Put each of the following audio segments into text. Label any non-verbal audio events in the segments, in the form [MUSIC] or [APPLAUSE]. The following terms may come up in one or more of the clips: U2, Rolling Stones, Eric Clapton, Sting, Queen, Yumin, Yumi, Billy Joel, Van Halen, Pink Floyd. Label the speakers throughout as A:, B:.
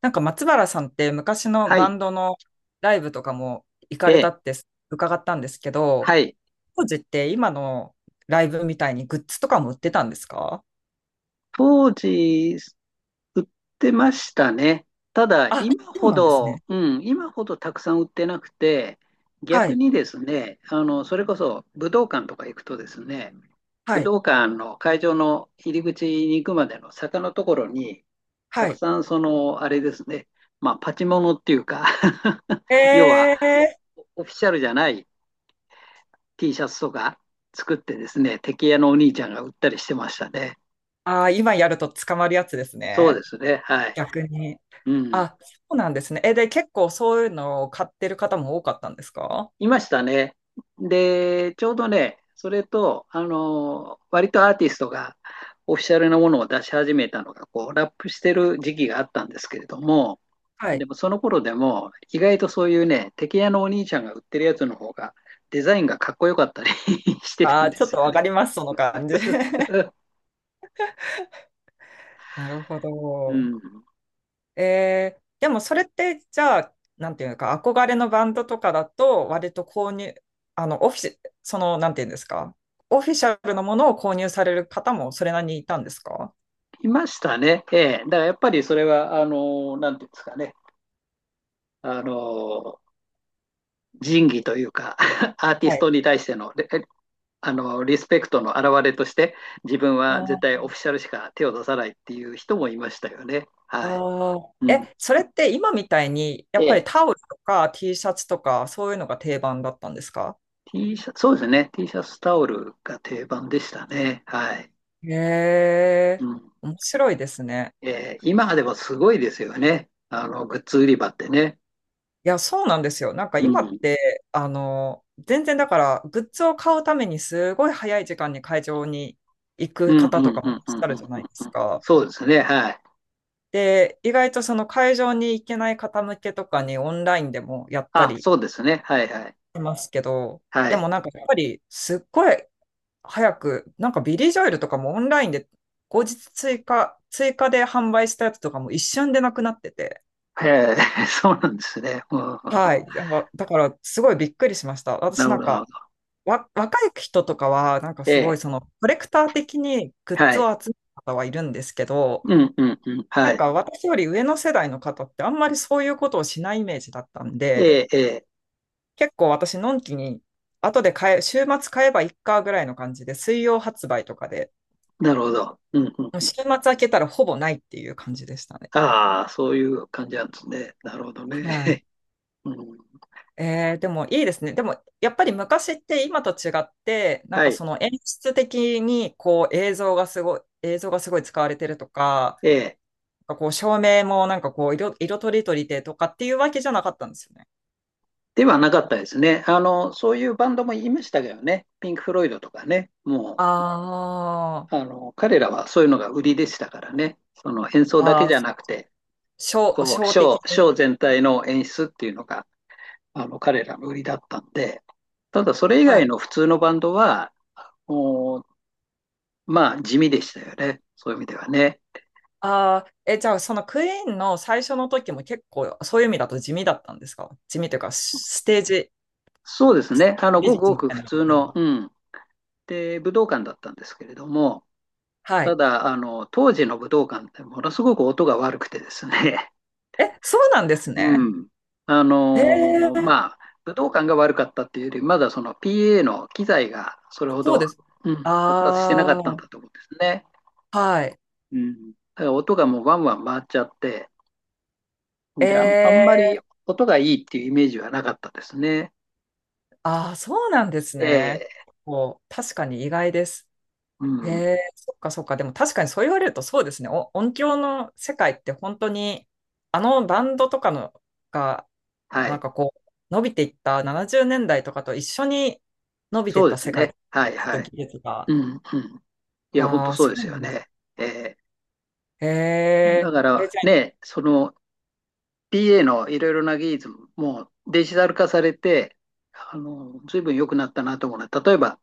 A: なんか松原さんって昔の
B: は
A: バ
B: い。
A: ンドのライブとかも行かれ
B: え、
A: たって伺ったんですけど、
B: はい。
A: 当時って今のライブみたいにグッズとかも売ってたんですか？
B: 当時、売ってましたねただ、
A: あ、
B: 今
A: そう
B: ほ
A: なんです
B: ど、
A: ね。
B: 今ほどたくさん売ってなくて、
A: は
B: 逆
A: い、
B: にですね、それこそ武道館とか行くとですね、
A: は
B: 武
A: い、
B: 道館の会場の入り口に行くまでの坂のところに、た
A: は
B: く
A: い。
B: さんあれですね、パチモノっていうか [LAUGHS] 要は、
A: えー、
B: オフィシャルじゃない T シャツとか作ってですね、敵屋のお兄ちゃんが売ったりしてましたね。
A: 今やると捕まるやつです
B: そうで
A: ね。
B: すね、はい。
A: 逆に。
B: うん。
A: あ、そうなんですね。え、で、結構そういうのを買ってる方も多かったんですか？
B: いましたね。で、ちょうどね、それと、割とアーティストがオフィシャルなものを出し始めたのが、こう、ラップしてる時期があったんですけれども、
A: は
B: で
A: い。
B: もその頃でも、意外とそういうね、敵屋のお兄ちゃんが売ってるやつの方が、デザインがかっこよかったり [LAUGHS] してた
A: あ
B: ん
A: ー、
B: で
A: ちょっ
B: す
A: と
B: よ
A: わか
B: ね。
A: ります、その感じ。[LAUGHS] なるほ
B: う
A: ど。
B: ん。
A: でもそれってじゃあ、なんていうのか、憧れのバンドとかだと、割と購入、オフィシ、その、なんていうんですか、オフィシャルのものを購入される方もそれなりにいたんですか？
B: いましたね。ええ。だからやっぱりそれは、なんていうんですかね。あの、仁義というか、[LAUGHS] アーティ
A: は
B: スト
A: い。
B: に対してのレあのリスペクトの表れとして自分は絶
A: あ
B: 対オフィシャルしか手を出さないっていう人もいましたよね。はい。
A: あー
B: うん、
A: え、それって今みたいに、やっぱり
B: で、
A: タオルとか T シャツとか、そういうのが定番だったんですか？
B: T シャツ、そうですね、T シャツタオルが定番でしたね。はい。
A: へ
B: う
A: え、
B: ん、
A: 面白いですね。
B: えー今でもすごいですよね。グッズ売り場ってね。
A: いや、そうなんですよ。なんか
B: う
A: 今っ
B: ん。
A: て、全然だから、グッズを買うためにすごい早い時間に会場に行
B: う
A: く
B: んうんう
A: 方と
B: ん
A: か
B: う
A: もいら
B: ん
A: っ
B: う
A: しゃるじ
B: ん
A: ゃ
B: う
A: ない
B: ん
A: で
B: う
A: す
B: ん。
A: か。
B: そうですね。はい。
A: で、意外とその会場に行けない方向けとかにオンラインでもやった
B: あ、
A: り
B: そうですね。はいはい。
A: しますけど、
B: は
A: で
B: い。
A: もなんかやっぱりすっごい早く、なんかビリー・ジョエルとかもオンラインで後日追加で販売したやつとかも一瞬でなくなってて、
B: えー、[LAUGHS] そうなんですね。うん、
A: はい。だからすごいびっくりしました。
B: な
A: 私
B: るほ
A: な
B: ど、
A: ん
B: なるほ
A: か、
B: ど。
A: わ、若い人とかは、なんかす
B: え
A: ごい
B: え
A: その、コレクター的にグッ
B: は
A: ズ
B: い。
A: を集める方はいるんですけど、
B: うんうんうん。
A: な
B: は
A: ん
B: い。
A: か私より上の世代の方ってあんまりそういうことをしないイメージだったんで、
B: ええええ
A: 結構私、のんきに、後で買え、週末買えばいっかぐらいの感じで、水曜発売とかで、
B: なるほど。うん
A: もう
B: う
A: 週
B: ん。
A: 末開けたらほぼないっていう感じでしたね。
B: ああ、そういう感じなんですね。なるほど
A: はい。
B: ね。[LAUGHS] うん、
A: えー、でもいいですね。でもやっぱり昔って今と違って、なん
B: は
A: か
B: い。
A: その演出的にこう映像がすごい使われてるとか、
B: ええ。
A: なんかこう照明もなんかこう色、色とりとりでとかっていうわけじゃなかったんですよね。
B: ではなかったですね。そういうバンドも言いましたけどね。ピンク・フロイドとかね。も
A: あ
B: う、あの、彼らはそういうのが売りでしたからね。その演奏だけ
A: あ、あ
B: じゃ
A: あ、
B: なくて、
A: 小、
B: こう、
A: 小的
B: シ
A: に。
B: ョー全体の演出っていうのが、彼らの売りだったんで、ただそれ以
A: はい。
B: 外の普通のバンドは、お地味でしたよね。そういう意味ではね。
A: ああ、え、じゃあそのクイーンの最初の時も結構そういう意味だと地味だったんですか？地味というかスステージ
B: そうですね。
A: 美
B: ごく
A: 術
B: ご
A: み
B: く
A: たい
B: 普
A: な部
B: 通
A: 分
B: の、
A: は。
B: で、武道館だったんですけれども、
A: は
B: た
A: い。
B: だ、当時の武道館ってものすごく音が悪くてですね、
A: え、そうなんです
B: [LAUGHS] う
A: ね。
B: ん。
A: ええ
B: 武道館が悪かったっていうより、まだその PA の機材がそれほ
A: そう
B: ど、
A: です。
B: うん、発達してなかったん
A: あ
B: だと思うんですね。
A: あ、はい。
B: うん。だから音がもうワンワン回っちゃって、で、あんまり
A: ええ
B: 音がいいっていうイメージはなかったですね。
A: ああ、そうなんです
B: え
A: ね。
B: え、
A: こう、確かに意外です。
B: う
A: へ
B: ん、
A: え、そっかそっか。でも確かにそう言われるとそうですね。お音響の世界って本当に、あのバンドとかのが、
B: は
A: なん
B: い。
A: かこう、伸びていった70年代とかと一緒に伸びてい
B: そ
A: っ
B: うで
A: た
B: す
A: 世界
B: ね。
A: です
B: は
A: ね。
B: い
A: きっと
B: はい。
A: 技術が。
B: うんうん。いや、本
A: わ
B: 当
A: あ、
B: そう
A: そ
B: で
A: う
B: す
A: な
B: よ
A: んです。
B: ね。ええ。
A: へ
B: だ
A: え。
B: か
A: え、
B: ら
A: じゃ
B: ね、その PA のいろいろな技術ももうデジタル化されて、あの、随分良くなったなと思うのは、例えば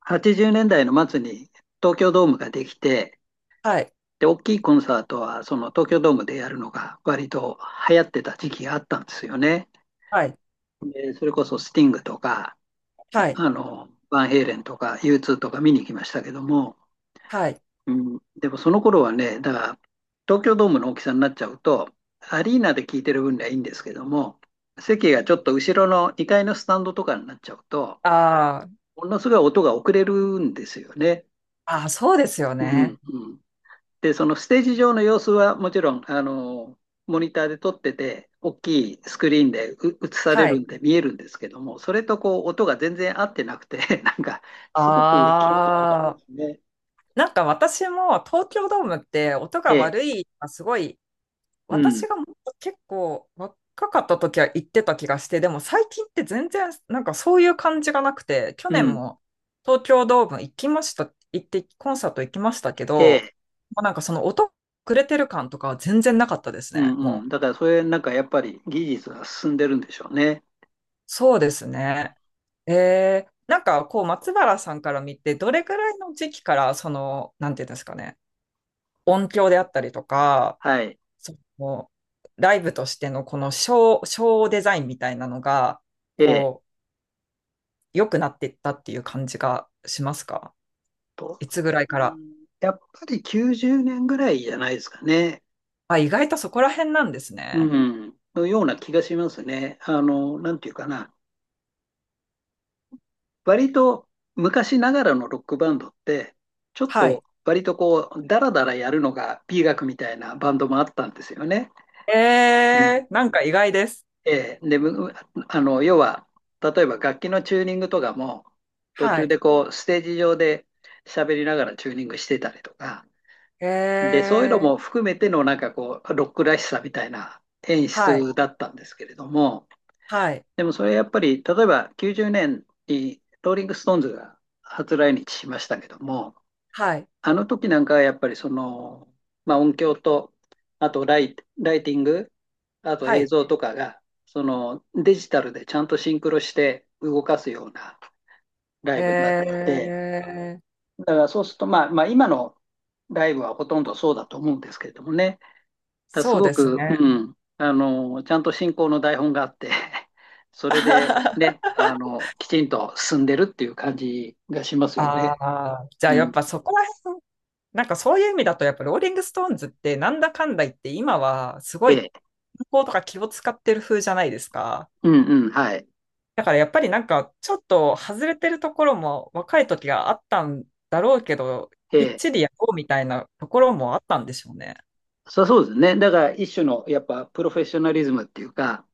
B: 80年代の末に東京ドームができて、
A: あ、はい、
B: で、大きいコンサートはその東京ドームでやるのが割と流行ってた時期があったんですよね。
A: はい、
B: で、それこそスティングとか、
A: はい、
B: あの、バンヘイレンとか U2 とか見に行きましたけども、
A: はい。
B: うん、でもその頃はね、だから東京ドームの大きさになっちゃうと、アリーナで聞いてる分にはいいんですけども、席がちょっと後ろの2階のスタンドとかになっちゃうと、
A: あー
B: ものすごい音が遅れるんですよね。
A: あー、そうですよ
B: う
A: ね。
B: んうん、で、そのステージ上の様子はもちろん、あの、モニターで撮ってて、大きいスクリーンでう映され
A: は
B: る
A: い。
B: んで見えるんですけども、それとこう音が全然合ってなくて、[LAUGHS] なんかすごく気持ち悪かった
A: あ
B: で
A: あ。
B: すね。
A: なんか私も東京ドームって音が
B: え
A: 悪
B: え、
A: い、まあすごい
B: うん、
A: 私がもっと結構若かった時は行ってた気がして、でも最近って全然なんかそういう感じがなくて、去
B: う
A: 年
B: ん、
A: も東京ドーム行きました、行ってコンサート行きましたけど、
B: え
A: も
B: え。
A: うなんかその音くれてる感とかは全然なかったです
B: う
A: ね。
B: んう
A: もう。
B: ん。だからそれなんかやっぱり技術が進んでるんでしょうね。
A: そうですね。えー、なんかこう松原さんから見て、どれぐらいの時期からその、なんていうんですかね、音響であったりとか、
B: はい。
A: そのライブとしてのこのショー、ショーデザインみたいなのが、
B: ええ
A: こう、良くなっていったっていう感じがしますか？
B: と。
A: いつぐらい
B: う
A: から？
B: んやっぱり90年ぐらいじゃないですかね。
A: あ、意外とそこら辺なんです
B: う
A: ね。
B: ん。のような気がしますね。なんていうかな。割と昔ながらのロックバンドって、ちょっ
A: は
B: と
A: い。
B: 割とこう、ダラダラやるのが美学みたいなバンドもあったんですよね。うん
A: えー、なんか意外です。
B: ええで、む要は、例えば楽器のチューニングとかも、途
A: は
B: 中
A: い。
B: でこう、ステージ上で喋りながらチューニングしてたりとか、
A: え
B: で、そういうの
A: ー、
B: も含めての、なんかこう、ロックらしさみたいな演
A: はい。
B: 出だったんですけれども、
A: はい。
B: でもそれやっぱり、例えば90年にローリング・ストーンズが初来日しましたけども、
A: はい。
B: あの時なんかはやっぱりその、音響と、ライティング、あと
A: は
B: 映
A: い。
B: 像とかが、そのデジタルでちゃんとシンクロして動かすようなラ
A: え
B: イブになっていて、
A: ー、
B: だからそうすると、まあ今のライブはほとんどそうだと思うんですけれどもね、ただす
A: そう
B: ご
A: です
B: く、
A: ね。
B: ちゃんと進行の台本があって、[LAUGHS] それでね、
A: [LAUGHS]
B: きちんと進んでるっていう感じがしますよ
A: あ
B: ね。
A: あ、じゃあ
B: う
A: やっ
B: ん。
A: ぱそこら辺、なんかそういう意味だとやっぱローリングストーンズってなんだかんだ言って今はすご
B: え
A: い
B: え。
A: 考とか気を使ってる風じゃないですか。
B: うんうん。はい。
A: だからやっぱりなんかちょっと外れてるところも若い時があったんだろうけど、きっ
B: ええ
A: ちりやろうみたいなところもあったんでしょうね。
B: そうですね。だから一種のやっぱプロフェッショナリズムっていうか、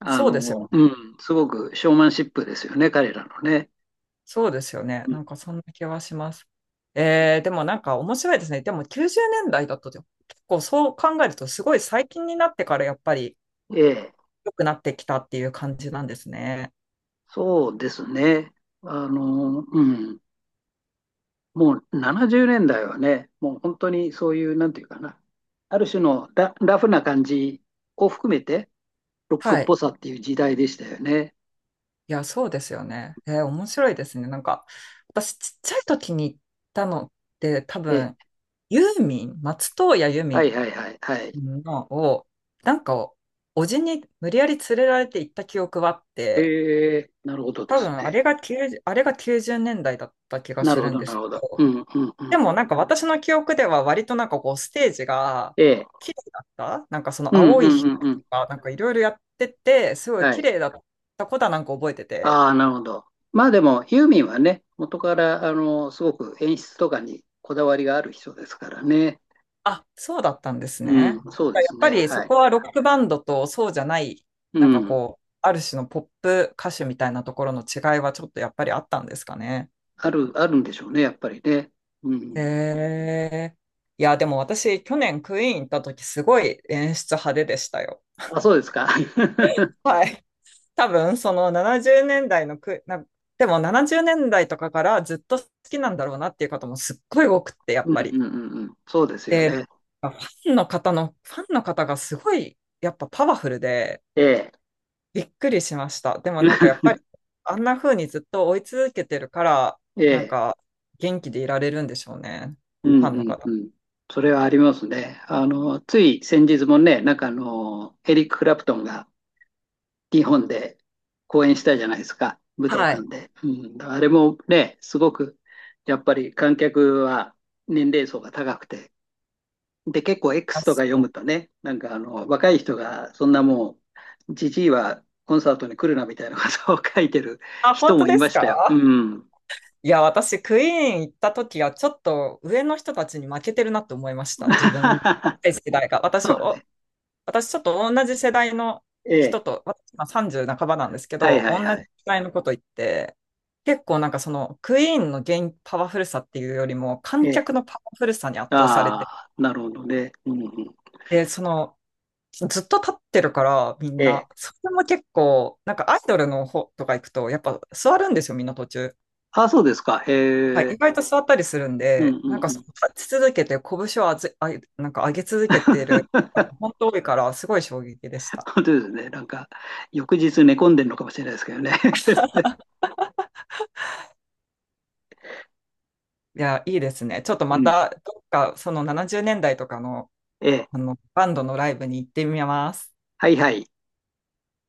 A: そうですよね。
B: すごくショーマンシップですよね、彼らのね。
A: そうですよね。
B: うん
A: なんかそんな気はします。でもなんか面白いですね。でも90年代だいだと結構そう考えるとすごい最近になってからやっぱり
B: ええ、
A: 良くなってきたっていう感じなんですね。
B: そうですね。あの、うん、もう70年代はね、もう本当にそういう、なんていうかな、ある種のラフな感じを含めて、ロックっ
A: はい。
B: ぽさっていう時代でしたよね。
A: いや、そうですよね。えー面白いですね。なんか、私、ちっちゃい時に行ったのって、多
B: え
A: 分、
B: え、
A: ユーミン、松任谷由
B: はいはいはいはい。
A: 実のを、なんかお、じに無理やり連れられて行った記憶はあって、
B: へえ、なるほどで
A: 多
B: す
A: 分、あ
B: ね。
A: れが90、あれが90年代だいだった気が
B: な
A: す
B: るほ
A: るん
B: ど、
A: で
B: な
A: す
B: る
A: け
B: ほど。うん
A: ど、
B: うんうん。
A: でもなんか私の記憶では割となんかこう、ステージが
B: ええ、
A: 綺麗だったなんかその
B: うんう
A: 青い
B: んうん
A: 光と
B: うん。
A: か、なんかいろいろやってて、すごい
B: は
A: 綺
B: い。
A: 麗だったことはなんか覚えてて、
B: ああ、なるほど。まあでも、ユーミンはね、元から、すごく演出とかにこだわりがある人ですからね。
A: あ、そうだったんですね。
B: うん、そう
A: や
B: です
A: っぱ
B: ね。
A: り
B: は
A: そ
B: い。
A: こはロックバンドとそうじゃない、
B: う
A: なんか
B: ん。
A: こう、ある種のポップ歌手みたいなところの違いはちょっとやっぱりあったんですかね。
B: あるんでしょうね、やっぱりね。う
A: へ
B: ん。
A: えー。いや、でも私、去年クイーン行った時、すごい演出派手でしたよ。
B: あ、そうですか。[LAUGHS]
A: はい。多分、その70年代のクイ、な、でも70年代とかからずっと好きなんだろうなっていう方もすっごい多くって、やっ
B: うん
A: ぱ
B: う
A: り。
B: んうんうん。そうですよ
A: で、なん
B: ね。
A: かファンの方がすごい、やっぱパワフルで、
B: ええ。
A: びっくりしました。でもなんかやっぱり、
B: [LAUGHS]
A: あんな風にずっと追い続けてるから、
B: え
A: なん
B: え。
A: か元気でいられるんでしょうね。
B: うん
A: ファン
B: う
A: の
B: ん
A: 方。
B: うん。それはありますね。つい先日もね、エリック・クラプトンが日本で公演したじゃないですか、武道
A: は
B: 館
A: い。
B: で。うん、あれもね、すごく、やっぱり観客は年齢層が高くて、で、結構
A: あ、
B: X とか
A: そ
B: 読
A: う
B: むとね、若い人が、そんなもう、じじいはコンサートに来るなみたいなことを書いてる
A: あ本
B: 人
A: 当
B: もい
A: で
B: ま
A: す
B: し
A: か？
B: たよ。うん。
A: いや、私、クイーン行った時は、ちょっと上の人たちに負けてるなって思いました。自分の
B: [LAUGHS]
A: 若い世代が。私、
B: そう
A: お
B: ね。
A: 私ちょっと同じ世代の
B: え
A: 人
B: え。
A: と、私今30半ばなんですけ
B: はい
A: ど、
B: はい
A: 同
B: は
A: じ
B: い。
A: 世代のこと言って、結構なんかそのクイーンの現パワフルさっていうよりも
B: え
A: 観
B: え。
A: 客のパワフルさに圧倒され
B: あ
A: て、
B: あ、なるほどね。うんうん。
A: で、そのずっと立ってるからみん
B: ええ。
A: な、それも結構なんかアイドルの方とか行くとやっぱ座るんですよみんな途中。
B: あ、そうですか。
A: はい、
B: へえ。
A: 意外と座ったりするん
B: うん
A: で、
B: うん
A: なんか
B: う
A: そ
B: ん。
A: の立ち続けて拳をあず、あ、なんか上げ続けている、なんか
B: [LAUGHS]
A: 本当多いからすごい衝撃でした。
B: 本当ですね。なんか、翌日寝込んでるのかもしれないですけどね。[LAUGHS]
A: いや、いいですね。ちょっと
B: う
A: ま
B: ん。
A: た、どっか、その70年代とかの、
B: [LAUGHS] ええ。
A: バンドのライブに行ってみます。
B: はいはい。